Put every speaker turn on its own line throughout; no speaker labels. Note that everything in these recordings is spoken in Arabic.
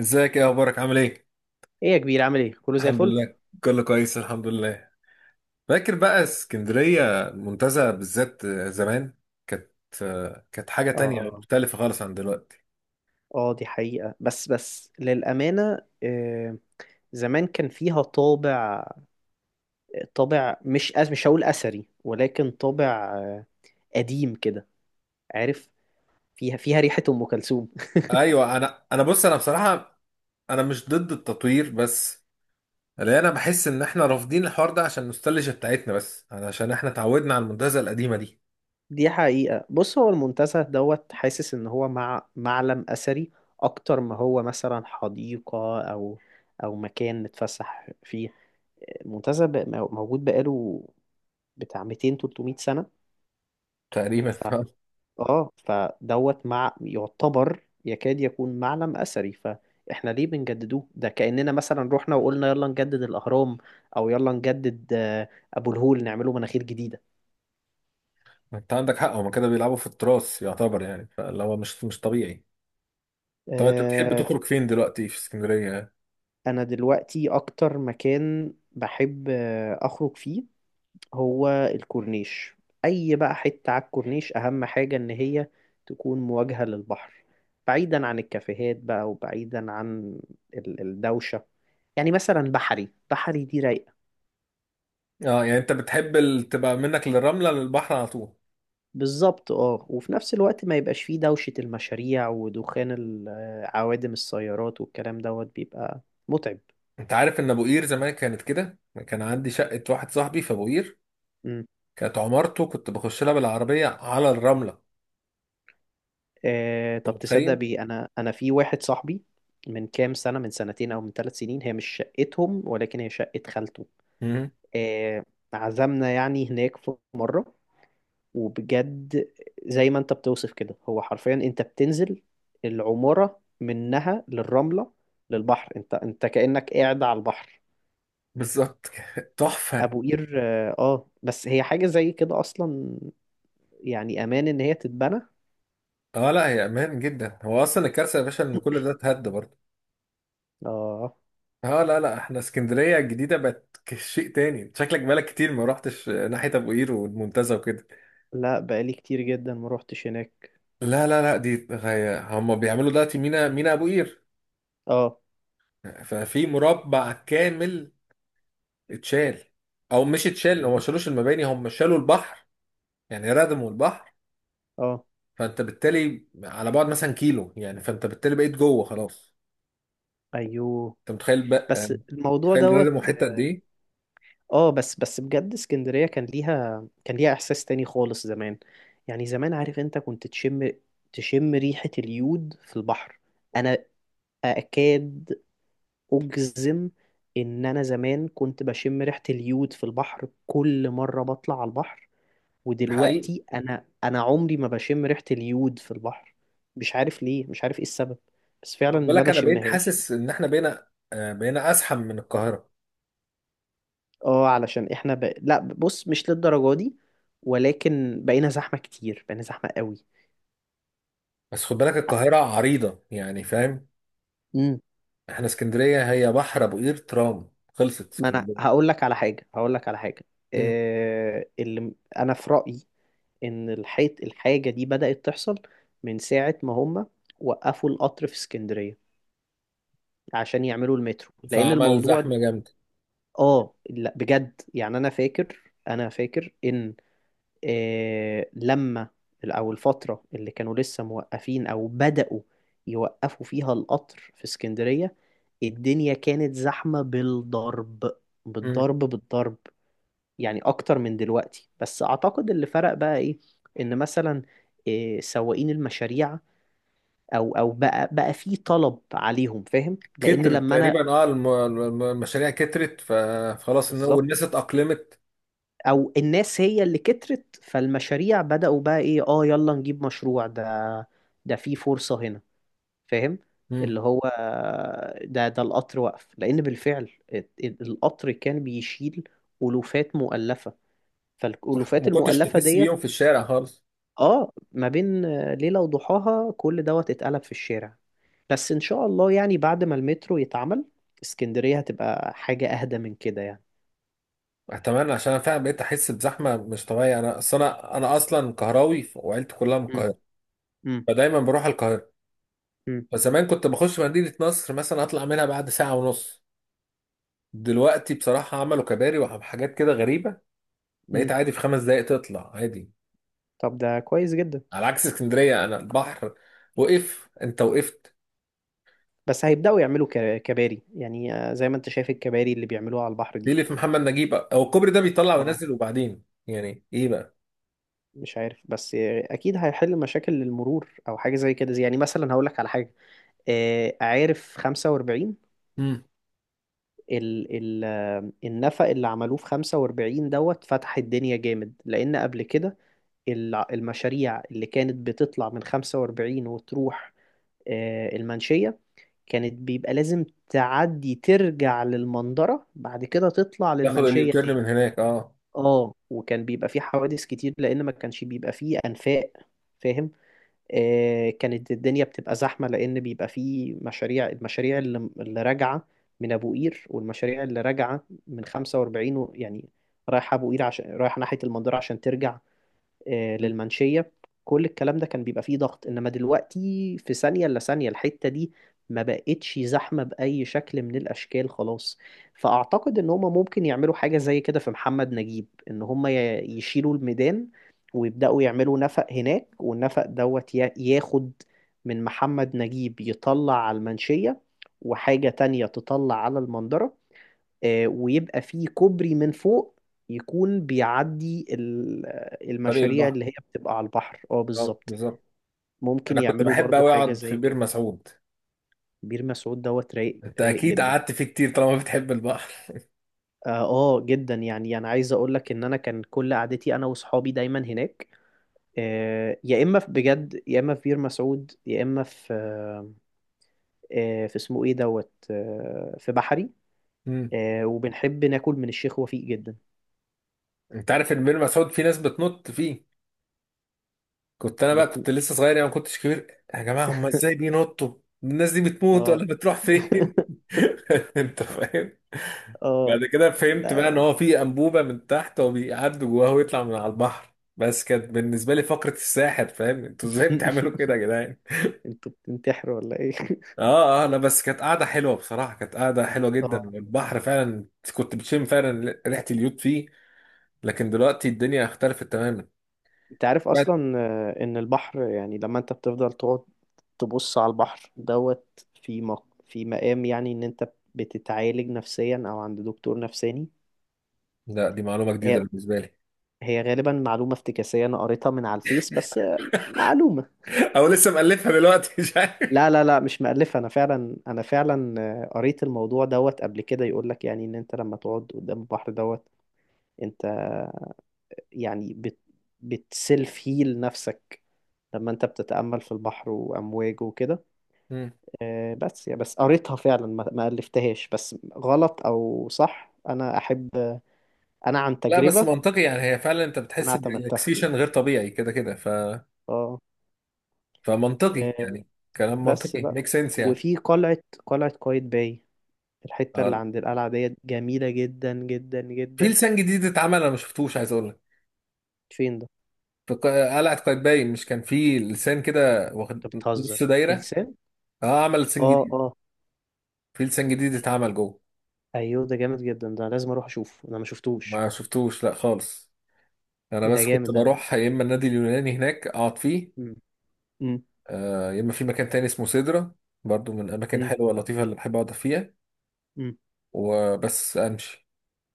ازيك؟ ايه اخبارك؟ عامل ايه؟
ايه يا كبير، عامل ايه؟ كله زي
الحمد
الفل.
لله. كله كويس الحمد لله. فاكر بقى اسكندرية المنتزه بالذات زمان؟ كانت كانت حاجة تانية
اه
مختلفة خالص عن دلوقتي.
اه، دي حقيقة. بس للأمانة، زمان كان فيها طابع، طابع مش هقول أثري، ولكن طابع قديم كده، عارف، فيها ريحة أم كلثوم.
ايوه انا بص، انا بصراحة انا مش ضد التطوير، بس لا، انا بحس ان احنا رافضين الحوار ده عشان النوستالجيا بتاعتنا، بس عشان احنا اتعودنا على المنتزه القديمة دي
دي حقيقة. بص، هو المنتزه دوت حاسس إن هو معلم أثري أكتر ما هو مثلا حديقة أو مكان نتفسح فيه. موجود بقاله بتاع 200 300 سنة.
تقريبا.
اه، فدوت مع يعتبر يكاد يكون معلم أثري، فاحنا ليه بنجددوه؟ ده كأننا مثلا رحنا وقلنا يلا نجدد الأهرام، او يلا نجدد أبو الهول، نعمله مناخير جديدة.
انت عندك حق، هما كده بيلعبوا في التراث يعتبر، يعني فاللي هو مش طبيعي. طب انت بتحب
آه،
تخرج فين دلوقتي في اسكندرية؟
انا دلوقتي اكتر مكان بحب اخرج فيه هو الكورنيش. اي بقى حتة على الكورنيش، اهم حاجة ان هي تكون مواجهة للبحر، بعيدا عن الكافيهات بقى، وبعيدا عن الدوشة. يعني مثلا بحري، بحري دي رايقة
اه، يعني انت بتحب تبقى منك للرملة للبحر على طول.
بالظبط. اه، وفي نفس الوقت ما يبقاش فيه دوشة المشاريع ودخان عوادم السيارات، والكلام دوت بيبقى متعب.
انت عارف ان ابو قير زمان كانت كده، كان عندي شقة واحد صاحبي في ابو قير،
مم.
كانت عمارته كنت بخش لها بالعربية على الرملة.
آه،
انت
طب تصدق
متخيل؟
بي؟ انا في واحد صاحبي من كام سنة، من سنتين او من ثلاث سنين. هي مش شقتهم، ولكن هي شقة خالته.
امم.
آه، عزمنا يعني هناك في مرة، وبجد زي ما انت بتوصف كده. هو حرفيا انت بتنزل العمارة منها للرملة، للبحر. انت كأنك قاعد على البحر.
بالظبط. تحفة.
ابو قير، اه بس هي حاجة زي كده اصلا. يعني امان ان هي تتبنى، اه.
اه لا، هي امان جدا، هو اصلا الكارثة يا باشا ان كل ده اتهد برضه.
آه،
اه لا لا، احنا اسكندرية الجديدة بقت شيء تاني، شكلك بقالك كتير ما رحتش ناحية ابو قير والمنتزه وكده.
لا، بقالي كتير جدا ما روحتش هناك.
لا لا لا، دي غاية. هم بيعملوا دلوقتي مينا، مينا ابو قير.
اه.
ففي مربع كامل اتشال، او مش اتشال، هو ما
ايوه.
شالوش المباني، هم شالوا البحر. يعني ردموا البحر.
اه.
فانت بالتالي على بعد مثلا كيلو، يعني فانت بالتالي بقيت جوه خلاص.
ايوه.
انت متخيل بقى؟
بس الموضوع
متخيل ردموا
دوت.
حته قد ايه؟
اه، بس بجد، اسكندرية كان ليها احساس تاني خالص زمان. يعني زمان، عارف، انت كنت تشم، تشم ريحة اليود في البحر. انا اكاد اجزم ان انا زمان كنت بشم ريحة اليود في البحر كل مرة بطلع على البحر.
ده حقيقي.
ودلوقتي انا عمري ما بشم ريحة اليود في البحر. مش عارف ليه، مش عارف ايه السبب، بس فعلا
خد
ما
بالك انا بقيت
بشمهاش.
حاسس ان احنا بقينا، بقينا ازحم من القاهره.
اه، لا، بص، مش للدرجة دي، ولكن بقينا زحمة كتير، بقينا زحمة قوي.
بس خد بالك القاهره عريضه يعني، فاهم؟
امم.
احنا اسكندريه هي بحر، ابو قير، ترام، خلصت
ما انا
اسكندريه.
هقول لك على حاجة، هقول لك على حاجة.
مم.
اللي انا في رأيي ان الحاجة دي بدأت تحصل من ساعة ما هم وقفوا القطر في اسكندرية عشان يعملوا المترو، لان
فعمل
الموضوع.
زحمه جامده.
اه، لا بجد، يعني انا فاكر ان لما، او الفتره اللي كانوا لسه موقفين او بداوا يوقفوا فيها القطر في اسكندريه، الدنيا كانت زحمه بالضرب، بالضرب بالضرب، يعني اكتر من دلوقتي. بس اعتقد اللي فرق بقى ايه، ان مثلا إيه، سواقين المشاريع او او بقى في طلب عليهم، فاهم، لان
كترت
لما انا.
تقريبا، اه المشاريع كترت، فخلاص والناس
بالظبط.
اتأقلمت.
او الناس هي اللي كترت، فالمشاريع بدأوا بقى ايه، اه يلا نجيب مشروع ده، ده في فرصة هنا، فاهم.
مم.
اللي هو ده القطر وقف لأن بالفعل القطر كان بيشيل ألوفات مؤلفة، فالألوفات
وما كنتش
المؤلفة
تحس
ديت،
بيهم في الشارع خالص.
اه، ما بين ليلة وضحاها كل دوت اتقلب في الشارع. بس إن شاء الله يعني بعد ما المترو يتعمل اسكندرية هتبقى حاجة أهدى من كده يعني.
اتمنى، عشان انا فعلا بقيت احس بزحمه مش طبيعيه. انا اصل انا اصلا قهراوي وعيلتي كلها من
مم.
القاهره.
مم.
فدايما بروح القاهره.
مم.
فزمان كنت بخش مدينه نصر مثلا اطلع منها بعد ساعة ونص. دلوقتي بصراحه عملوا كباري وحاجات كده غريبه، بقيت
مم.
عادي في 5 دقائق تطلع عادي.
طب ده كويس جدا.
على عكس اسكندريه انا، البحر وقف، انت وقفت.
بس هيبدأوا يعملوا كباري يعني، زي ما انت شايف الكباري اللي بيعملوها على البحر دي.
ليه في محمد نجيب بقى هو الكوبري ده بيطلع
اه،
وينزل وبعدين يعني ايه بقى؟
مش عارف، بس اكيد هيحل مشاكل المرور او حاجه زي كده. يعني مثلا هقول لك على حاجه، عارف 45،
امم.
ال ال آه، النفق اللي عملوه في 45 دوت فتح الدنيا جامد. لان قبل كده المشاريع اللي كانت بتطلع من 45 وتروح المنشيه، كانت بيبقى لازم تعدي ترجع للمنظره، بعد كده تطلع
ياخد
للمنشيه
اليوتيرن
تاني.
من هناك، اه.
اه، وكان بيبقى فيه حوادث كتير لان ما كانش بيبقى فيه انفاق، فاهم. كانت الدنيا بتبقى زحمة لأن بيبقى فيه مشاريع، المشاريع اللي راجعة من أبو قير، والمشاريع اللي راجعة من 45 و- يعني رايحة أبو قير، عشان رايحة ناحية المنظرة عشان ترجع
مم.
للمنشية. كل الكلام ده كان بيبقى فيه ضغط، انما دلوقتي في ثانية الا ثانية الحتة دي ما بقتش زحمة بأي شكل من الأشكال، خلاص. فأعتقد ان هما ممكن يعملوا حاجة زي كده في محمد نجيب، ان هما يشيلوا الميدان ويبدأوا يعملوا نفق هناك، والنفق دوت ياخد من محمد نجيب يطلع على المنشية، وحاجة تانية تطلع على المندرة. ويبقى فيه كوبري من فوق يكون بيعدي
طريق
المشاريع
البحر،
اللي هي بتبقى على البحر. اه
اه
بالظبط.
بالظبط.
ممكن
انا كنت
يعملوا
بحب
برضو
قوي
حاجة
اقعد في
زي
بير
كده.
مسعود.
بير مسعود دوت رايق،
انت
رايق
اكيد
جدا.
قعدت فيه كتير طالما بتحب البحر.
اه، جدا يعني. انا عايز اقول لك ان انا كان كل قعدتي انا واصحابي دايما هناك، يا اما في بجد، يا اما في بير مسعود، يا اما في في اسمه ايه دوت، في بحري.
امم.
وبنحب ناكل من الشيخ وفيق جدا.
انت عارف ان بير مسعود في ناس بتنط فيه؟ كنت انا بقى
بت...
كنت لسه صغير، يعني ما كنتش كبير يا جماعه، هم ازاي بينطوا؟ الناس دي بتموت
اه.
ولا بتروح فين؟ انت فاهم.
اه،
بعد كده فهمت بقى ان
لا.
هو في انبوبه من تحت، هو بيعدوا جواها ويطلع من على البحر، بس كانت بالنسبه لي فقره الساحر، فاهم؟ انتوا ازاي بتعملوا كده يا جدعان؟
انتوا بتنتحروا ولا ايه؟
اه اه لا، بس كانت قاعده حلوه بصراحه، كانت قاعده حلوه جدا
اه.
والبحر فعلا كنت بتشم فعلا ريحه اليود فيه. لكن دلوقتي الدنيا اختلفت تماما.
انت عارف
بعد-
اصلا ان البحر، يعني لما انت بتفضل تقعد تبص على البحر دوت، في في مقام يعني ان انت بتتعالج نفسيا او عند دكتور نفساني.
لا، دي معلومه جديده
هي
بالنسبه لي.
هي غالبا معلومة افتكاسية، انا قريتها من على الفيس بس، معلومة.
او لسه مألفها دلوقتي، مش عارف.
لا لا لا، مش مألفة. انا فعلا قريت الموضوع دوت قبل كده. يقول لك يعني ان انت لما تقعد قدام البحر دوت انت، يعني بتسيلف هيل نفسك لما انت بتتأمل في البحر وأمواجه وكده.
مم.
بس يا بس قريتها فعلا، ما ألفتهاش. بس غلط أو صح أنا أحب. أنا عن
لا بس
تجربة.
منطقي يعني، هي فعلا انت
أنا
بتحس
اعتمدتها.
بريلاكسيشن غير طبيعي كده كده، ف
اه.
فمنطقي
آه،
يعني. كلام
بس
منطقي،
بقى.
ميك سنس
وفي قلعة، قلعة قايتباي، الحتة اللي
يعني.
عند القلعة ديت جميلة جدا جدا
في
جدا.
لسان جديد اتعمل، انا ما شفتوش، عايز اقول لك.
فين ده؟
في قلعه قايتباي مش كان في لسان كده واخد
أنت
نص
بتهزر في
دايره؟
لسان؟
اه عمل لسان
اه
جديد،
اه.
في لسان جديد اتعمل جوه.
أيوه ده جامد جدا، ده لازم أروح أشوفه، أنا ما
ما
شفتوش.
شفتوش لا خالص. انا
ده
بس
جامد
كنت
ده.
بروح يا اما النادي اليوناني هناك اقعد فيه،
مم. مم.
يا اما في مكان تاني اسمه سيدرا، برضو من الاماكن
مم.
حلوه لطيفه اللي بحب اقعد فيها
مم.
وبس امشي.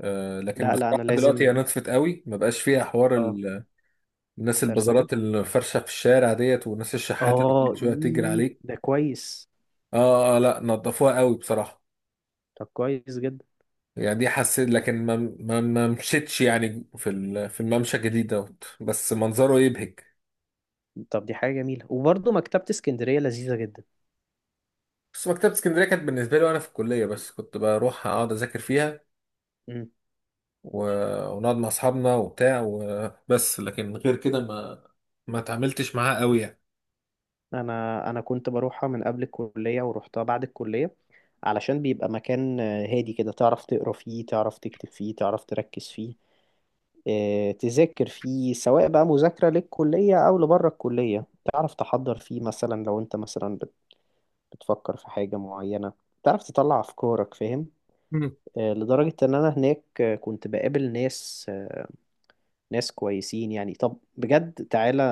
لكن
لا لا، أنا
بصراحه دلوقتي هي
لازم.
نطفت قوي، ما بقاش فيها حوار
اه.
الناس،
استرسجة.
البازارات الفرشه في الشارع ديت والناس الشحاته اللي كل
اه،
شويه تجري
ايه
عليك.
ده كويس.
اه اه لا، نضفوها قوي بصراحة.
طب كويس جدا.
يعني دي حسيت، لكن ما مشيتش يعني في في الممشى الجديد دوت، بس منظره يبهج.
طب دي حاجة جميلة. وبرضه مكتبة اسكندرية لذيذة جدا.
بس مكتبة اسكندرية كانت بالنسبة لي وانا في الكلية، بس كنت بروح اقعد اذاكر فيها
مم.
و... ونقعد مع اصحابنا وبتاع وبس، لكن غير كده ما اتعاملتش معاها قوي يعني.
انا كنت بروحها من قبل الكلية، ورحتها بعد الكلية علشان بيبقى مكان هادي كده، تعرف تقرا فيه، تعرف تكتب فيه، تعرف تركز فيه، تذاكر فيه سواء بقى مذاكرة للكلية او لبره الكلية. تعرف تحضر فيه مثلا لو انت مثلا بتفكر في حاجة معينة، تعرف تطلع افكارك، فاهم.
مم.
لدرجة ان انا هناك كنت بقابل ناس، ناس كويسين يعني. طب بجد تعالى،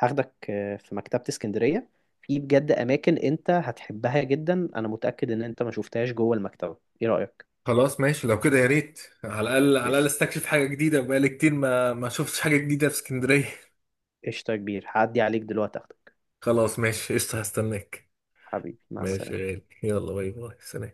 هاخدك في مكتبة اسكندرية، في بجد أماكن أنت هتحبها جدا، أنا متأكد إن أنت ما شفتهاش جوه المكتبة. إيه رأيك؟
خلاص ماشي، لو كده يا ريت، على الاقل على الاقل
قشطة،
استكشف حاجة جديدة، بقالي كتير ما شفتش حاجة جديدة في اسكندرية.
قشطة يا كبير، هعدي عليك دلوقتي أخدك.
خلاص ماشي قشطة، هستناك.
حبيبي، مع
ماشي يا
السلامة.
غالي، يلا باي باي سلام.